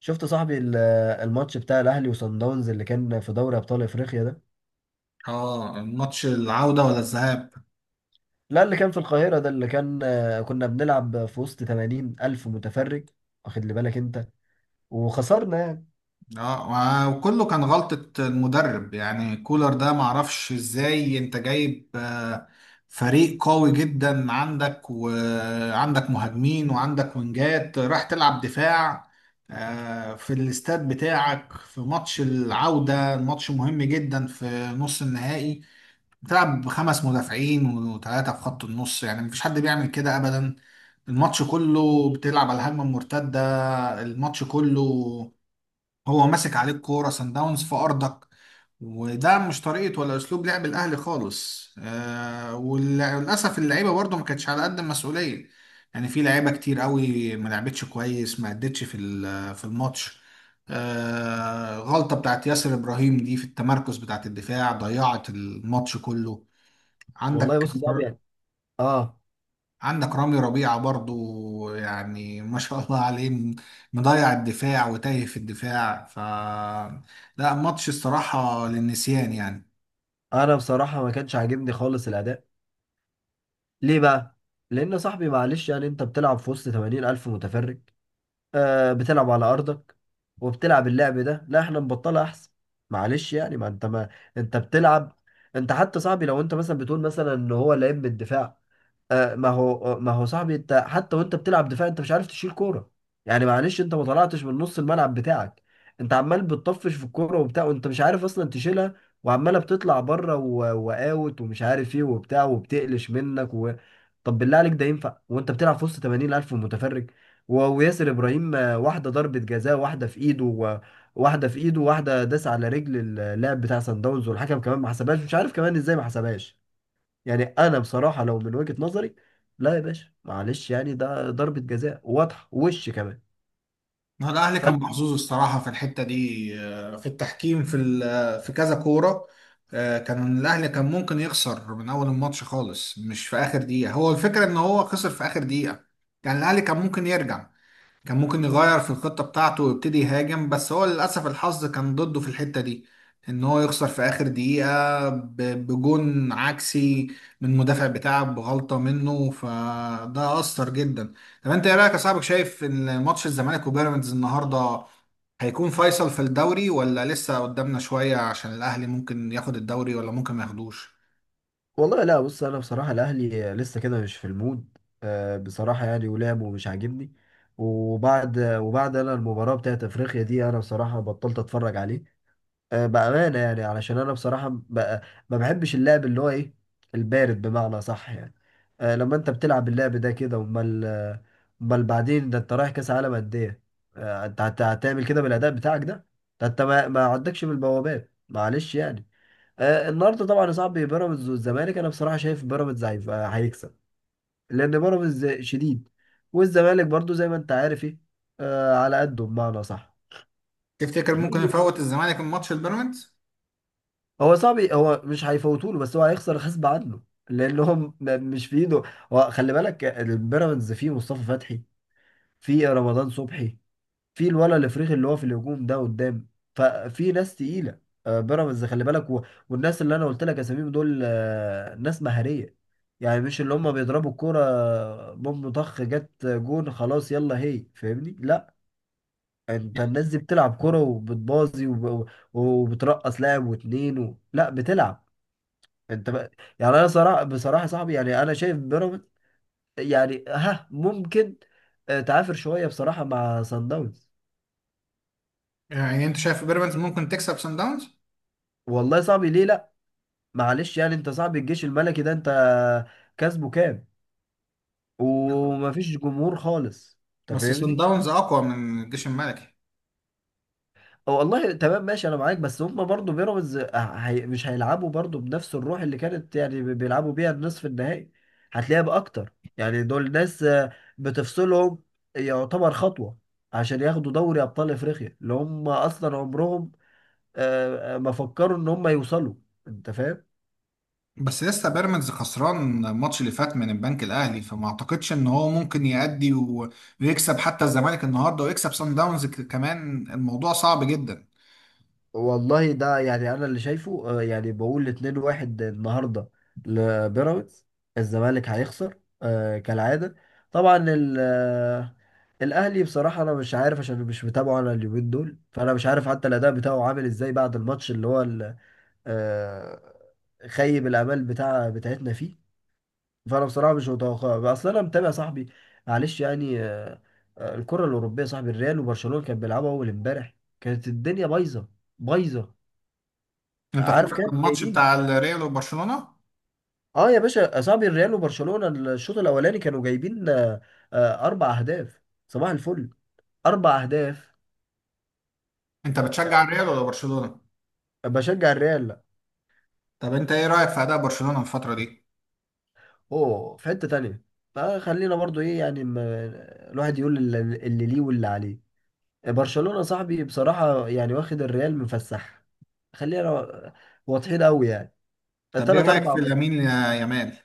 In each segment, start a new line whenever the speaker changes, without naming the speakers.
شفت صاحبي الماتش بتاع الاهلي وصن داونز اللي كان في دوري ابطال افريقيا ده.
اه، ماتش العودة ولا الذهاب؟
لا، اللي كان في القاهره ده اللي كان، كنا بنلعب في وسط 80 الف متفرج. واخد لي بالك انت. وخسرنا يعني.
اه، وكله كان غلطة المدرب، يعني كولر ده معرفش ازاي انت جايب فريق قوي جدا عندك، وعندك مهاجمين، وعندك وينجات، راح تلعب دفاع في الاستاد بتاعك في ماتش العودة، ماتش مهم جدا في نص النهائي. بتلعب بخمس مدافعين و3 في خط النص، يعني مفيش حد بيعمل كده أبدا. الماتش كله بتلعب على الهجمة المرتدة، الماتش كله. هو ماسك عليك كورة سان داونز في أرضك، وده مش طريقة ولا أسلوب لعب الأهلي خالص. وللأسف اللعيبة برضو ما كانتش على قد المسؤولية. يعني في لعيبة كتير قوي ما لعبتش كويس، ما أدتش في الماتش. غلطة بتاعت ياسر إبراهيم دي في التمركز بتاعت الدفاع ضيعت الماتش كله
والله
عندك.
بص يا صاحبي يعني. اه.
عندك رامي ربيعة برضو، يعني ما شاء الله عليه، مضيع الدفاع وتايه في الدفاع. ف لا، ماتش الصراحة للنسيان يعني.
انا بصراحه ما كانش عاجبني خالص الاداء. ليه بقى؟ لان يا صاحبي معلش يعني انت بتلعب في وسط 80 الف متفرج، بتلعب على ارضك وبتلعب اللعب ده. لا احنا نبطلها احسن. معلش يعني، ما انت بتلعب. انت حتى صاحبي لو انت مثلا بتقول مثلا ان هو لعيب من الدفاع. ما هو صاحبي، انت حتى وانت بتلعب دفاع انت مش عارف تشيل كوره. يعني معلش انت ما طلعتش من نص الملعب بتاعك. انت عمال بتطفش في الكوره وبتاع وانت مش عارف اصلا تشيلها. وعماله بتطلع بره واوت ومش عارف ايه وبتاع وبتقلش منك طب بالله عليك ده ينفع وانت بتلعب في وسط 80,000 متفرج؟ وياسر ابراهيم، واحده ضربه جزاء واحده في ايده واحده في ايده، واحده داس على رجل اللاعب بتاع سان داونز، والحكم كمان ما حسبهاش. مش عارف كمان ازاي ما حسبهاش. يعني انا بصراحه لو من وجهه نظري، لا يا باشا معلش يعني ده ضربه جزاء واضحه وش كمان.
ما هو الأهلي
ف
كان محظوظ الصراحة في الحتة دي، في التحكيم، في كذا كورة. كان الأهلي كان ممكن يخسر من أول الماتش خالص، مش في آخر دقيقة. هو الفكرة إن هو خسر في آخر دقيقة. يعني الأهلي كان ممكن يرجع، كان ممكن يغير في الخطة بتاعته ويبتدي يهاجم، بس هو للأسف الحظ كان ضده في الحتة دي، إن هو يخسر في آخر دقيقة بجون عكسي من المدافع بتاعه بغلطة منه، فده أثر جدا. طب أنت إيه رأيك يا صاحبك؟ شايف إن ماتش الزمالك وبيراميدز النهاردة هيكون فيصل في الدوري، ولا لسه قدامنا شوية عشان الأهلي ممكن ياخد الدوري ولا ممكن ما ياخدوش؟
والله لا، بص انا بصراحه الاهلي لسه كده مش في المود. بصراحه يعني ولعبه مش عاجبني. وبعد انا المباراه بتاعت افريقيا دي انا بصراحه بطلت اتفرج عليه. بأمانة يعني، علشان أنا بصراحة ما بحبش اللعب اللي هو إيه؟ البارد بمعنى صح يعني. لما أنت بتلعب اللعب ده كده أمال؟ أمال بعدين ده أنت رايح كأس عالم قد إيه؟ أنت هتعمل كده بالأداء بتاعك ده؟ ده أنت ما عندكش من البوابات معلش يعني. النهاردة طبعا يا صاحبي بيراميدز والزمالك، أنا بصراحة شايف بيراميدز هيكسب. لأن بيراميدز شديد. والزمالك برضو زي ما أنت عارف إيه، على قده بمعنى صح.
تفتكر ممكن يفوت الزمالك الماتش البيراميدز؟
هو صعب، هو مش هيفوتوا له، بس هو هيخسر غصب عنه. لانهم مش في ايده. هو خلي بالك البيراميدز فيه مصطفى فتحي، فيه رمضان صبحي، فيه الولد الافريقي اللي هو في الهجوم ده قدام. ففي ناس تقيله، بيراميدز خلي بالك والناس اللي انا قلت لك اساميهم دول، ناس مهاريه. يعني مش اللي هم بيضربوا الكوره بوم طخ جت جون خلاص يلا هي فاهمني، لا، انت الناس دي بتلعب كوره وبتبازي وبترقص لاعب واتنين لا، بتلعب انت بقى. يعني انا بصراحه يا صاحبي، يعني انا شايف بيراميدز يعني ها ممكن، تعافر شويه بصراحه مع سان داونز.
يعني أنت شايف بيراميدز ممكن تكسب سان داونز؟
والله صعب، ليه لا؟ معلش يعني انت صعب الجيش الملكي ده، انت كسبه كام؟ ومفيش جمهور خالص. انت
بس صن
فاهمني.
داونز اقوى من الجيش الملكي.
هو والله تمام ماشي انا معاك، بس هم برضو بيراميدز هي مش هيلعبوا برضو بنفس الروح اللي كانت يعني بيلعبوا بيها النصف النهائي. هتلاقيها باكتر يعني، دول ناس، بتفصلهم. يعتبر خطوة عشان ياخدوا دوري ابطال افريقيا اللي هم اصلا عمرهم ما فكروا ان هم يوصلوا. انت فاهم.
بس لسه بيراميدز خسران الماتش اللي فات من البنك الاهلي، فما اعتقدش ان هو ممكن يأدي ويكسب حتى الزمالك النهارده، ويكسب صن داونز كمان. الموضوع صعب جدا.
والله ده يعني انا اللي شايفه، يعني بقول 2-1 النهارده لبيراميدز. الزمالك هيخسر، كالعاده. طبعا الاهلي بصراحه انا مش عارف عشان مش متابعه انا اليومين دول. فانا مش عارف حتى الاداء بتاعه عامل ازاي بعد الماتش اللي هو آه، خيب الامال بتاع بتاعتنا فيه. فانا بصراحه مش متوقع اصلا انا متابع صاحبي، معلش يعني. الكره الاوروبيه صاحبي الريال وبرشلونه كانت بيلعبوا اول امبارح. كانت الدنيا بايظه، بايظه.
انت
عارف
فاكر
كام
الماتش
جايبين؟
بتاع الريال وبرشلونة؟
اه يا باشا يا صاحبي الريال وبرشلونة، الشوط الاولاني كانوا جايبين، 4 اهداف. صباح الفل. 4 اهداف.
انت بتشجع الريال ولا برشلونة؟
بشجع الريال.
طب انت ايه رأيك في اداء برشلونة الفترة دي؟
اوه، في حتة تانية. فخلينا برضو ايه يعني، ما الواحد يقول اللي ليه واللي عليه. برشلونة صاحبي بصراحة يعني واخد الريال مفسح. خلينا واضحين قوي يعني.
طب ايه
تلات
رأيك
اربع.
في لامين يامال؟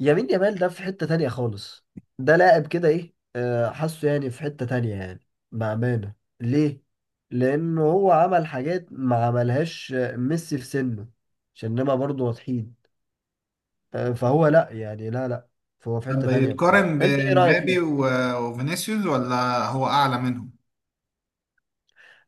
يمين يامال ده في حتة تانية خالص. ده لاعب كده ايه، حاسه يعني في حتة تانية يعني، بأمانة. ليه؟ لأنه هو عمل حاجات ما عملهاش ميسي في سنه، عشان نبقى برضه واضحين. فهو لأ، يعني لا، لأ، فهو في
طب
حتة تانية بصراحة.
يتقارن
أنت إيه رأيك فيه؟
بمبابي وفينيسيوس ولا هو اعلى منهم؟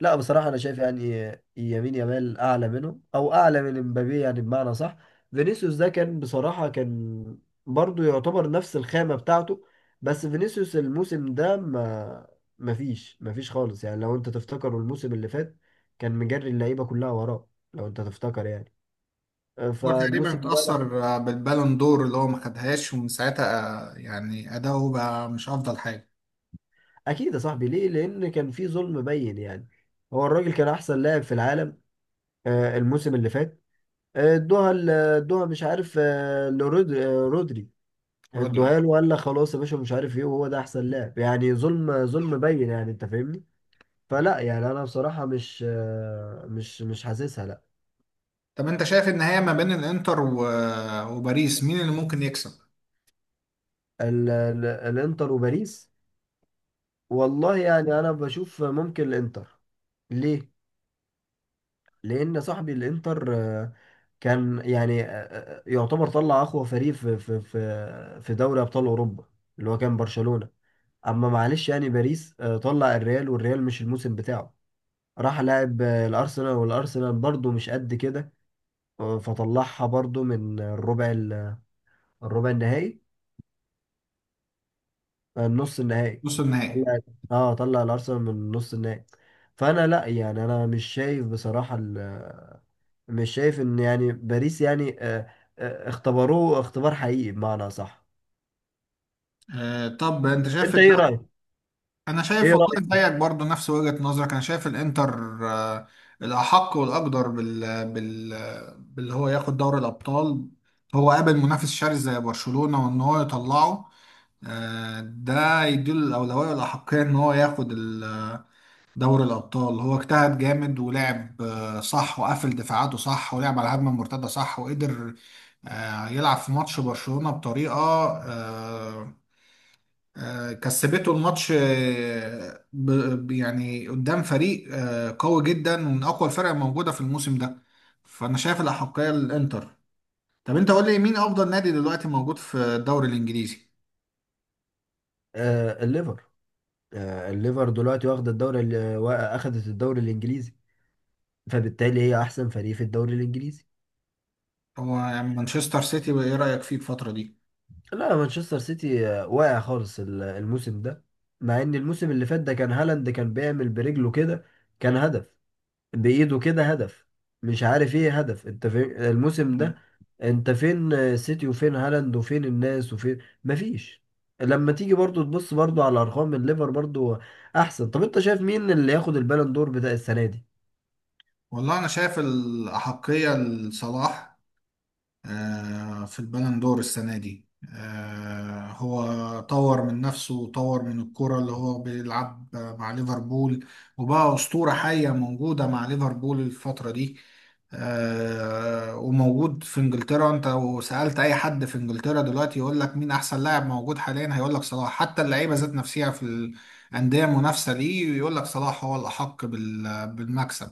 لا بصراحة أنا شايف يعني يمين يامال أعلى منه أو أعلى من امبابي يعني بمعنى صح. فينيسيوس ده كان بصراحة، كان برضو يعتبر نفس الخامة بتاعته. بس فينيسيوس الموسم ده ما فيش خالص يعني. لو أنت تفتكر الموسم اللي فات كان مجري اللعيبة كلها وراه، لو أنت تفتكر يعني،
هو
فالموسم
تقريبا
ده لا.
اتأثر بالبالون دور اللي هو ما خدهاش، ومن ساعتها يعني أداؤه بقى مش أفضل حاجة.
أكيد يا صاحبي، ليه؟ لأن كان في ظلم بين يعني. هو الراجل كان أحسن لاعب في العالم الموسم اللي فات. ادوها، مش عارف رودري.
رودري.
ادوها له وقال لك خلاص يا باشا مش عارف ايه، وهو ده احسن لاعب، يعني ظلم، ظلم بين يعني، انت فاهمني. فلا يعني انا بصراحة مش، مش حاسسها لا.
طب أنت شايف النهاية ما بين الإنتر وباريس، مين اللي ممكن يكسب؟
الانتر وباريس، والله يعني انا بشوف ممكن الانتر. ليه؟ لان صاحبي الانتر، كان يعني يعتبر طلع اقوى فريق في دوري ابطال اوروبا، اللي هو كان برشلونة. اما معلش يعني باريس، طلع الريال، والريال مش الموسم بتاعه. راح لعب الارسنال، والارسنال برضه مش قد كده، فطلعها برضه من الربع النهائي، النص النهائي.
نص النهائي؟
طلع. اه طلع الارسنال من نص النهائي. فانا لا، يعني انا مش شايف بصراحة، مش شايف ان يعني باريس يعني اختبروه اختبار حقيقي بمعنى صح.
طب أنت شايف
انت ايه
الدوري؟
رايك؟
أنا
ايه
شايف والله
رايك؟
زيك برضه، نفس وجهة نظرك. أنا شايف الإنتر الأحق والأقدر بال باللي هو ياخد دوري الأبطال. هو قابل منافس شرس زي برشلونة وإن هو يطلعه، ده يديله الأولوية والأحقية إن هو ياخد دوري الأبطال. هو اجتهد جامد ولعب صح، وقفل دفاعاته صح، ولعب على الهجمة المرتدة صح، وقدر يلعب في ماتش برشلونة بطريقة، كسبته الماتش، يعني قدام فريق قوي جدا، ومن أقوى الفرق الموجودة في الموسم ده. فأنا شايف الأحقية للإنتر. طب أنت قول لي مين أفضل نادي دلوقتي موجود في الدوري الإنجليزي؟
الليفر، الليفر دلوقتي واخد الدوري اخدت الدوري الانجليزي، فبالتالي هي احسن فريق في الدوري الانجليزي.
هو يعني مانشستر سيتي، ايه رأيك فيه الفترة دي؟
لا، مانشستر سيتي، واقع خالص الموسم ده. مع ان الموسم اللي فات ده كان هالاند كان بيعمل برجله كده، كان هدف، بايده كده هدف، مش عارف ايه هدف. انت فين الموسم ده؟
مم.
انت فين، سيتي وفين هالاند وفين الناس وفين؟ مفيش. لما تيجي برضو تبص برضو على ارقام الليفر برضو احسن. طب انت شايف مين اللي ياخد البالون دور بتاع السنة دي؟
والله انا شايف الأحقية لصلاح في البالون دور السنة دي. هو طور من نفسه وطور من الكرة اللي هو بيلعب مع ليفربول، وبقى أسطورة حية موجودة مع ليفربول الفترة دي. وموجود في انجلترا. انت لو سألت اي حد في انجلترا دلوقتي يقول لك مين احسن لاعب موجود حاليا، هيقول لك صلاح. حتى اللعيبة ذات نفسها في الأندية المنافسة دي يقول لك صلاح هو الأحق بالمكسب.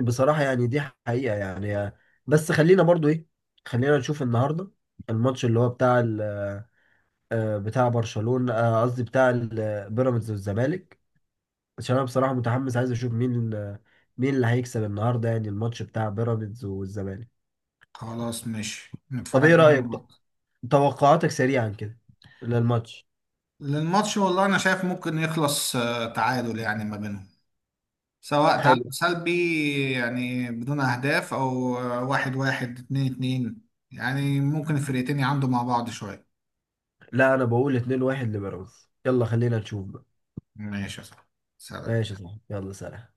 بصراحة يعني دي حقيقة يعني. بس خلينا برضو ايه، خلينا نشوف النهاردة الماتش اللي هو بتاع برشلونة، قصدي بيراميدز والزمالك. عشان انا بصراحة متحمس عايز اشوف مين مين اللي هيكسب النهاردة يعني الماتش بتاع بيراميدز والزمالك.
خلاص ماشي،
طب
نتفرج
ايه رأيك؟
عنه.
توقعاتك سريعا كده للماتش.
للماتش، والله انا شايف ممكن يخلص تعادل يعني ما بينهم، سواء تعادل
حلو.
سلبي يعني بدون اهداف، او 1-1، 2-2. يعني ممكن الفرقتين يعندوا مع بعض شوية.
لا انا بقول 2-1 لبيراميدز، يلا خلينا نشوف بقى.
ماشي يا صاحبي، سلام.
ماشي صح، يلا سلام.